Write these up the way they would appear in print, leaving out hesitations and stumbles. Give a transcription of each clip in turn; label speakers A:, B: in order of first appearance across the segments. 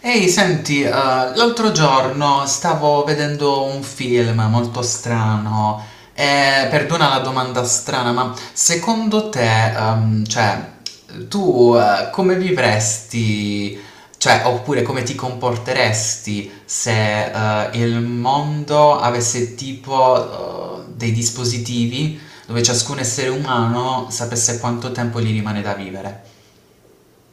A: Ehi, senti, l'altro giorno stavo vedendo un film molto strano e perdona la domanda strana, ma secondo te, tu come vivresti, cioè, oppure come ti comporteresti se il mondo avesse tipo dei dispositivi dove ciascun essere umano sapesse quanto tempo gli rimane da vivere?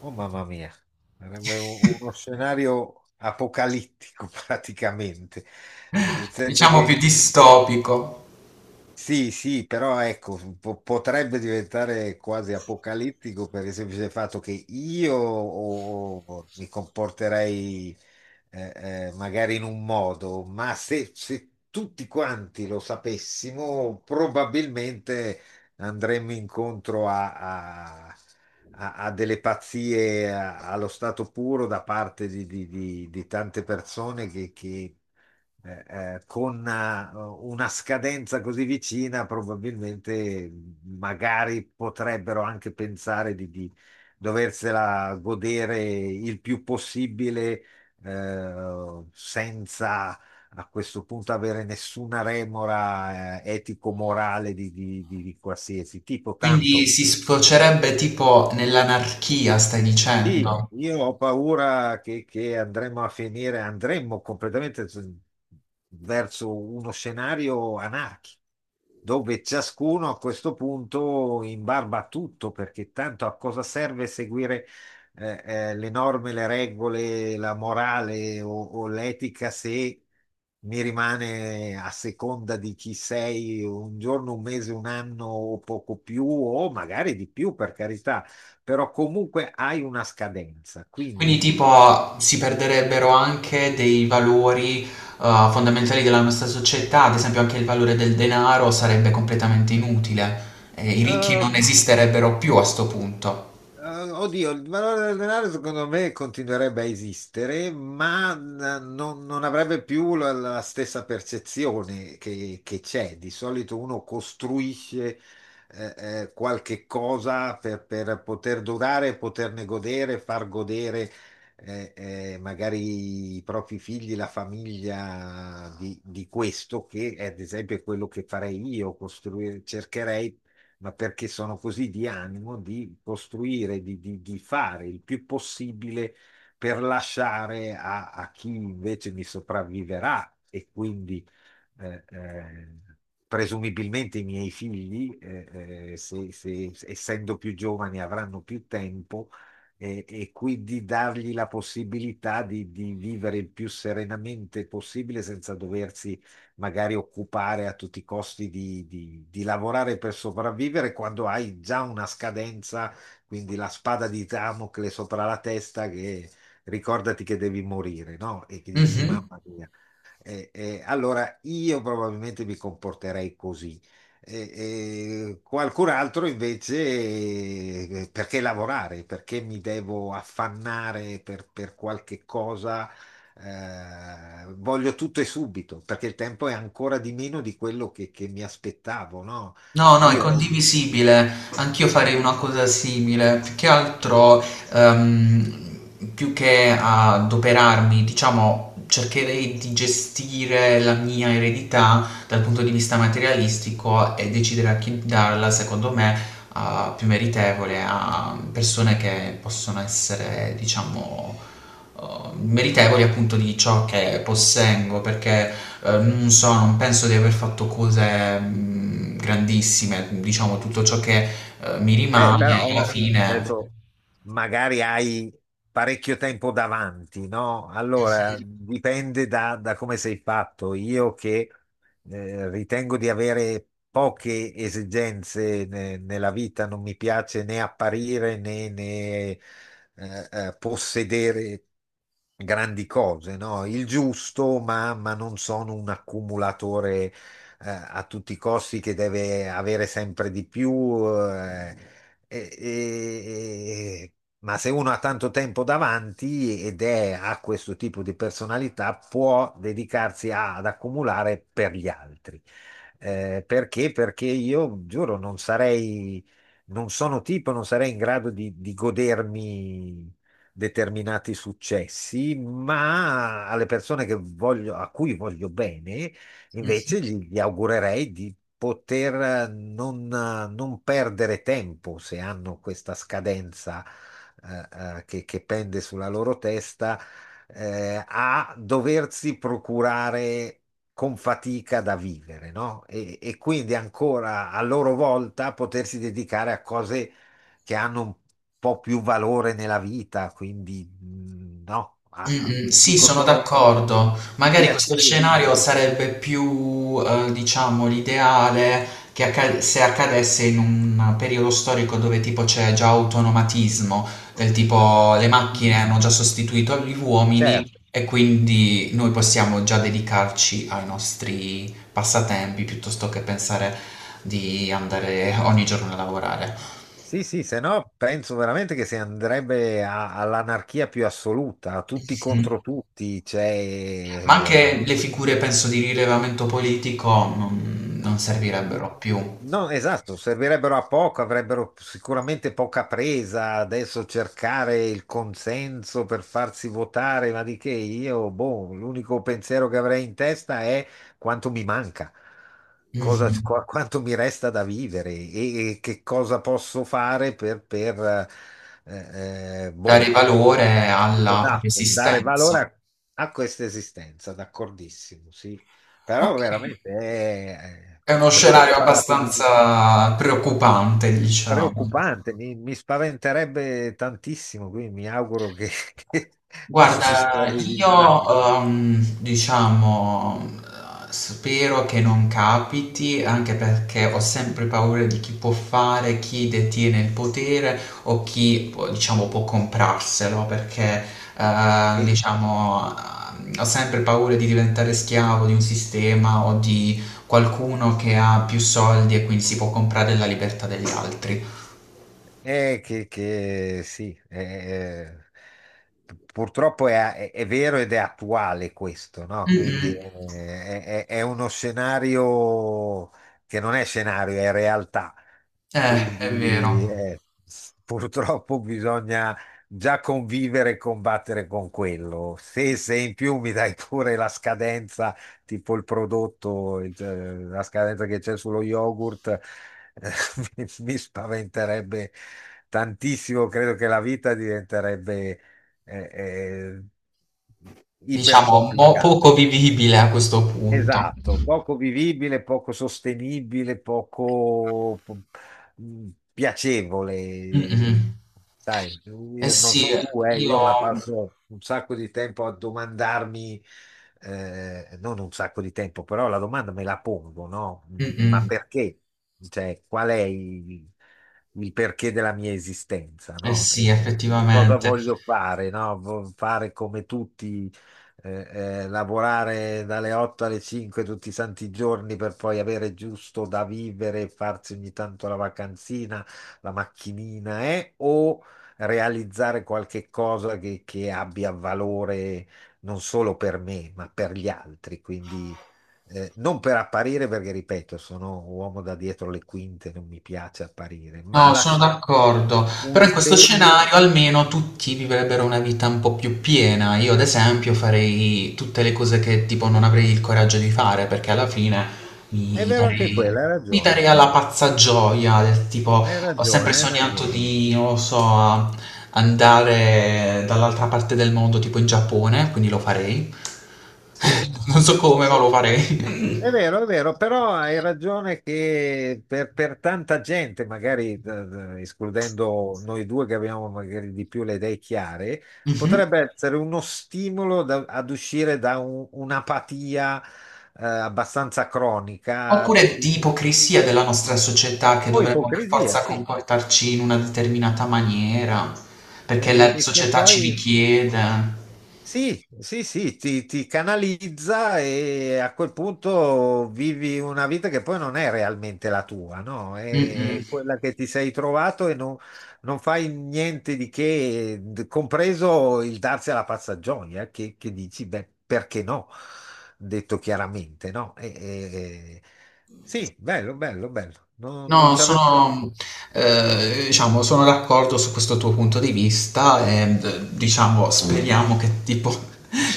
B: Oh mamma mia, sarebbe uno scenario apocalittico praticamente, nel senso
A: Diciamo
B: che
A: più distopico.
B: sì, sì, però ecco, potrebbe diventare quasi apocalittico per il semplice fatto che io o mi comporterei magari in un modo, ma se tutti quanti lo sapessimo, probabilmente andremmo incontro a delle pazzie allo stato puro da parte di tante persone eh, con una scadenza così vicina, probabilmente magari potrebbero anche pensare di doversela godere il più possibile senza a questo punto avere nessuna remora, etico-morale di qualsiasi tipo,
A: Quindi
B: tanto.
A: si sfocerebbe tipo nell'anarchia, stai
B: Sì,
A: dicendo?
B: io ho paura che andremo a finire, andremo completamente verso uno scenario anarchico, dove ciascuno a questo punto imbarba a tutto, perché tanto a cosa serve seguire eh, le norme, le regole, la morale o l'etica se mi rimane a seconda di chi sei un giorno, un mese, un anno o poco più, o magari di più, per carità, però comunque hai una scadenza,
A: Quindi
B: quindi.
A: tipo si perderebbero anche dei valori fondamentali della nostra società, ad esempio anche il valore del denaro sarebbe completamente inutile. I ricchi
B: eh,
A: non esisterebbero più a sto punto.
B: Oddio, il valore del denaro secondo me continuerebbe a esistere, ma non avrebbe più la stessa percezione che c'è. Di solito uno costruisce qualche cosa per poter durare, poterne godere, far godere, magari i propri figli, la famiglia di questo, che è, ad esempio è quello che farei io, costruire, cercherei, ma perché sono così di animo di costruire, di fare il più possibile per lasciare a chi invece mi sopravviverà e quindi eh, eh, presumibilmente i miei figli, essendo più giovani, avranno più tempo e quindi dargli la possibilità di vivere il più serenamente possibile senza doversi magari occupare a tutti i costi di lavorare per sopravvivere quando hai già una scadenza, quindi la spada di Damocle sopra la testa che ricordati che devi morire, no? E che dici,
A: Mhm.
B: mamma mia. Allora io probabilmente mi comporterei così. Eh, Qualcun altro invece, perché lavorare? Perché mi devo affannare per qualche cosa? Voglio tutto e subito, perché il tempo è ancora di meno di quello che mi aspettavo, no?
A: No, no, è
B: Io,
A: condivisibile. Anch'io farei una cosa simile. Più che altro ehm, più che adoperarmi, diciamo, cercherei di gestire la mia eredità dal punto di vista materialistico e decidere a chi darla, secondo me, a più meritevole, a persone che possono essere, diciamo, eh, meritevoli appunto di ciò che possengo, perché non so, non penso di aver fatto cose grandissime, diciamo, tutto ciò che mi
B: beh,
A: rimane alla
B: però
A: fine.
B: adesso magari hai parecchio tempo davanti, no? Allora dipende da come sei fatto. Io che ritengo di avere poche esigenze nella vita, non mi piace né apparire né, né, possedere grandi cose, no? Il giusto, ma non sono un accumulatore a tutti i costi che deve avere sempre di più. eh, e- e- e- ma se uno ha tanto tempo davanti ed è, ha questo tipo di personalità, può dedicarsi ad accumulare per gli altri. Perché? Perché io giuro, non sarei, non sono tipo, non sarei in grado di godermi determinati successi, ma alle persone che voglio, a cui voglio bene. Invece gli augurerei di poter non perdere tempo se hanno questa scadenza che pende sulla loro testa, a doversi procurare con fatica da vivere, no? E quindi ancora a loro volta potersi dedicare a cose che hanno un po' più valore nella vita, quindi mm, no,
A: Mh-mh, sì,
B: dico
A: sono
B: solo
A: d'accordo.
B: i
A: Magari questo
B: piaceri,
A: scenario
B: ma...
A: sarebbe più, diciamo, l'ideale che acca se accadesse in un periodo storico dove tipo c'è già autonomatismo, del tipo le
B: Mm.
A: macchine hanno già sostituito gli
B: Certo,
A: uomini e quindi noi possiamo già dedicarci ai nostri passatempi piuttosto che pensare di andare ogni giorno a lavorare.
B: sì, sì, se no penso veramente che si andrebbe all'anarchia più assoluta, a tutti contro
A: Mh.
B: tutti,
A: Ma
B: cioè,
A: anche le figure, penso, di rilevamento politico non
B: mm,
A: servirebbero più.
B: no, esatto, servirebbero a poco, avrebbero sicuramente poca presa. Adesso cercare il consenso per farsi votare, ma di che io, boh, l'unico pensiero che avrei in testa è quanto mi manca, cosa,
A: Mhm.
B: quanto mi resta da vivere e che cosa posso fare per boh.
A: Dare valore alla propria
B: Esatto, dare
A: esistenza.
B: valore a questa esistenza, d'accordissimo, sì. Però
A: Ok.
B: veramente,
A: È uno
B: per quello che ho
A: scenario
B: parlato di
A: abbastanza preoccupante, diciamo.
B: preoccupante, mi spaventerebbe tantissimo, quindi mi auguro che, che non ci si
A: Guarda,
B: arrivi mai.
A: io diciamo spero che non capiti, anche perché ho sempre paura di chi può fare, chi detiene il potere o chi può- diciamo può comprarselo, perché
B: E,
A: diciamo ho sempre paura di diventare schiavo di un sistema o di qualcuno che ha più soldi e quindi si può comprare la libertà degli altri.
B: eh, che sì, purtroppo è, è vero ed è attuale questo, no?
A: Mm,
B: Quindi
A: mm,
B: è, è uno scenario che non è scenario, è realtà.
A: è
B: Quindi
A: vero.
B: purtroppo bisogna già convivere e combattere con quello. Se, se in più mi dai pure la scadenza tipo il prodotto, la scadenza che c'è sullo yogurt, mi spaventerebbe tantissimo. Credo che la vita diventerebbe eh, eh,
A: Diciamo mo
B: ipercomplicata.
A: poco vivibile a questo punto.
B: Esatto, poco vivibile, poco sostenibile,
A: Mh-mh.
B: piacevole. Sai,
A: Eh
B: io non
A: sì,
B: so tu,
A: io
B: io ma passo un sacco di tempo a domandarmi, non un sacco di tempo, però la domanda me la pongo, no?
A: mh-mh,
B: Ma perché? Cioè, il perché della mia esistenza,
A: eh
B: no?
A: sì
B: E cosa
A: effettivamente.
B: voglio fare, no? Fare come tutti lavorare dalle 8 alle 5 tutti i santi giorni per poi avere giusto da vivere e farsi ogni tanto la vacanzina, la macchinina, o realizzare qualche cosa che abbia valore non solo per me, ma per gli altri. Quindi non per apparire, perché ripeto, sono uomo da dietro le quinte, non mi piace apparire, ma
A: No, sono
B: lasciare
A: d'accordo,
B: un
A: però in questo
B: segno.
A: scenario almeno tutti vivrebbero una vita un po' più piena. Io, ad esempio, farei tutte le cose che tipo non avrei il coraggio di fare, perché alla fine
B: È
A: mi
B: vero anche
A: darei,
B: quello, hai
A: mi
B: ragione,
A: darei alla pazza gioia, del tipo ho sempre
B: hai
A: sognato
B: ragione.
A: di, non lo so, andare dall'altra parte del mondo, tipo in Giappone, quindi lo farei.
B: Sì,
A: Non so come,
B: sì,
A: ma lo farei.
B: è vero, però hai ragione che per tanta gente, magari escludendo noi due che abbiamo magari di più le idee chiare,
A: Mhm.
B: potrebbe essere uno stimolo ad uscire da un'apatia abbastanza cronica,
A: Oppure
B: che,
A: di ipocrisia della nostra società che
B: o
A: dovremmo per
B: ipocrisia,
A: forza
B: sì,
A: comportarci in una determinata maniera, perché la
B: che
A: società ci
B: poi
A: richiede.
B: sì, sì, sì, ti canalizza e a quel punto vivi una vita che poi non è realmente la tua, no?
A: Mh-mh.
B: È quella che ti sei trovato e non, non fai niente di che, compreso il darsi alla pazza gioia, che dici, beh, perché no? Detto chiaramente, no? E- sì, bello. Non, non
A: No,
B: ci avevo... detto.
A: sono, diciamo, sono d'accordo su questo tuo punto di vista e, d diciamo, speriamo che tipo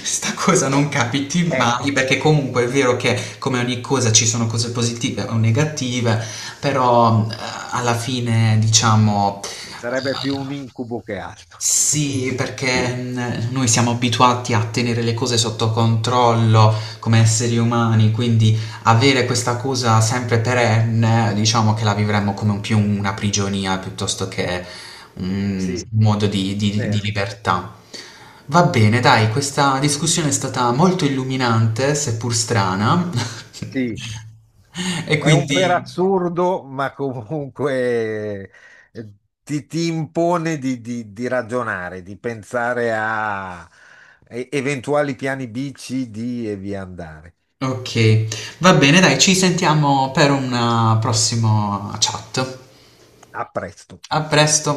A: 'sta cosa non capiti
B: Ecco,
A: mai, perché comunque è vero che come ogni cosa ci sono cose positive o negative, però, alla fine, diciamo
B: sarebbe più un incubo che altro.
A: sì, perché noi siamo abituati a tenere le cose sotto controllo come esseri umani, quindi avere questa cosa sempre perenne, diciamo che la vivremmo come un- più una prigionia piuttosto che un
B: Sì,
A: modo di, di
B: vero.
A: libertà. Va bene, dai, questa discussione è stata molto illuminante, seppur strana.
B: Sì.
A: E
B: È un per
A: quindi,
B: assurdo, ma comunque eh, ti impone di, di ragionare, di pensare a eventuali piani B, C, D e via andare.
A: ok, va bene, dai, ci sentiamo per una prossima chat.
B: A presto.
A: A presto!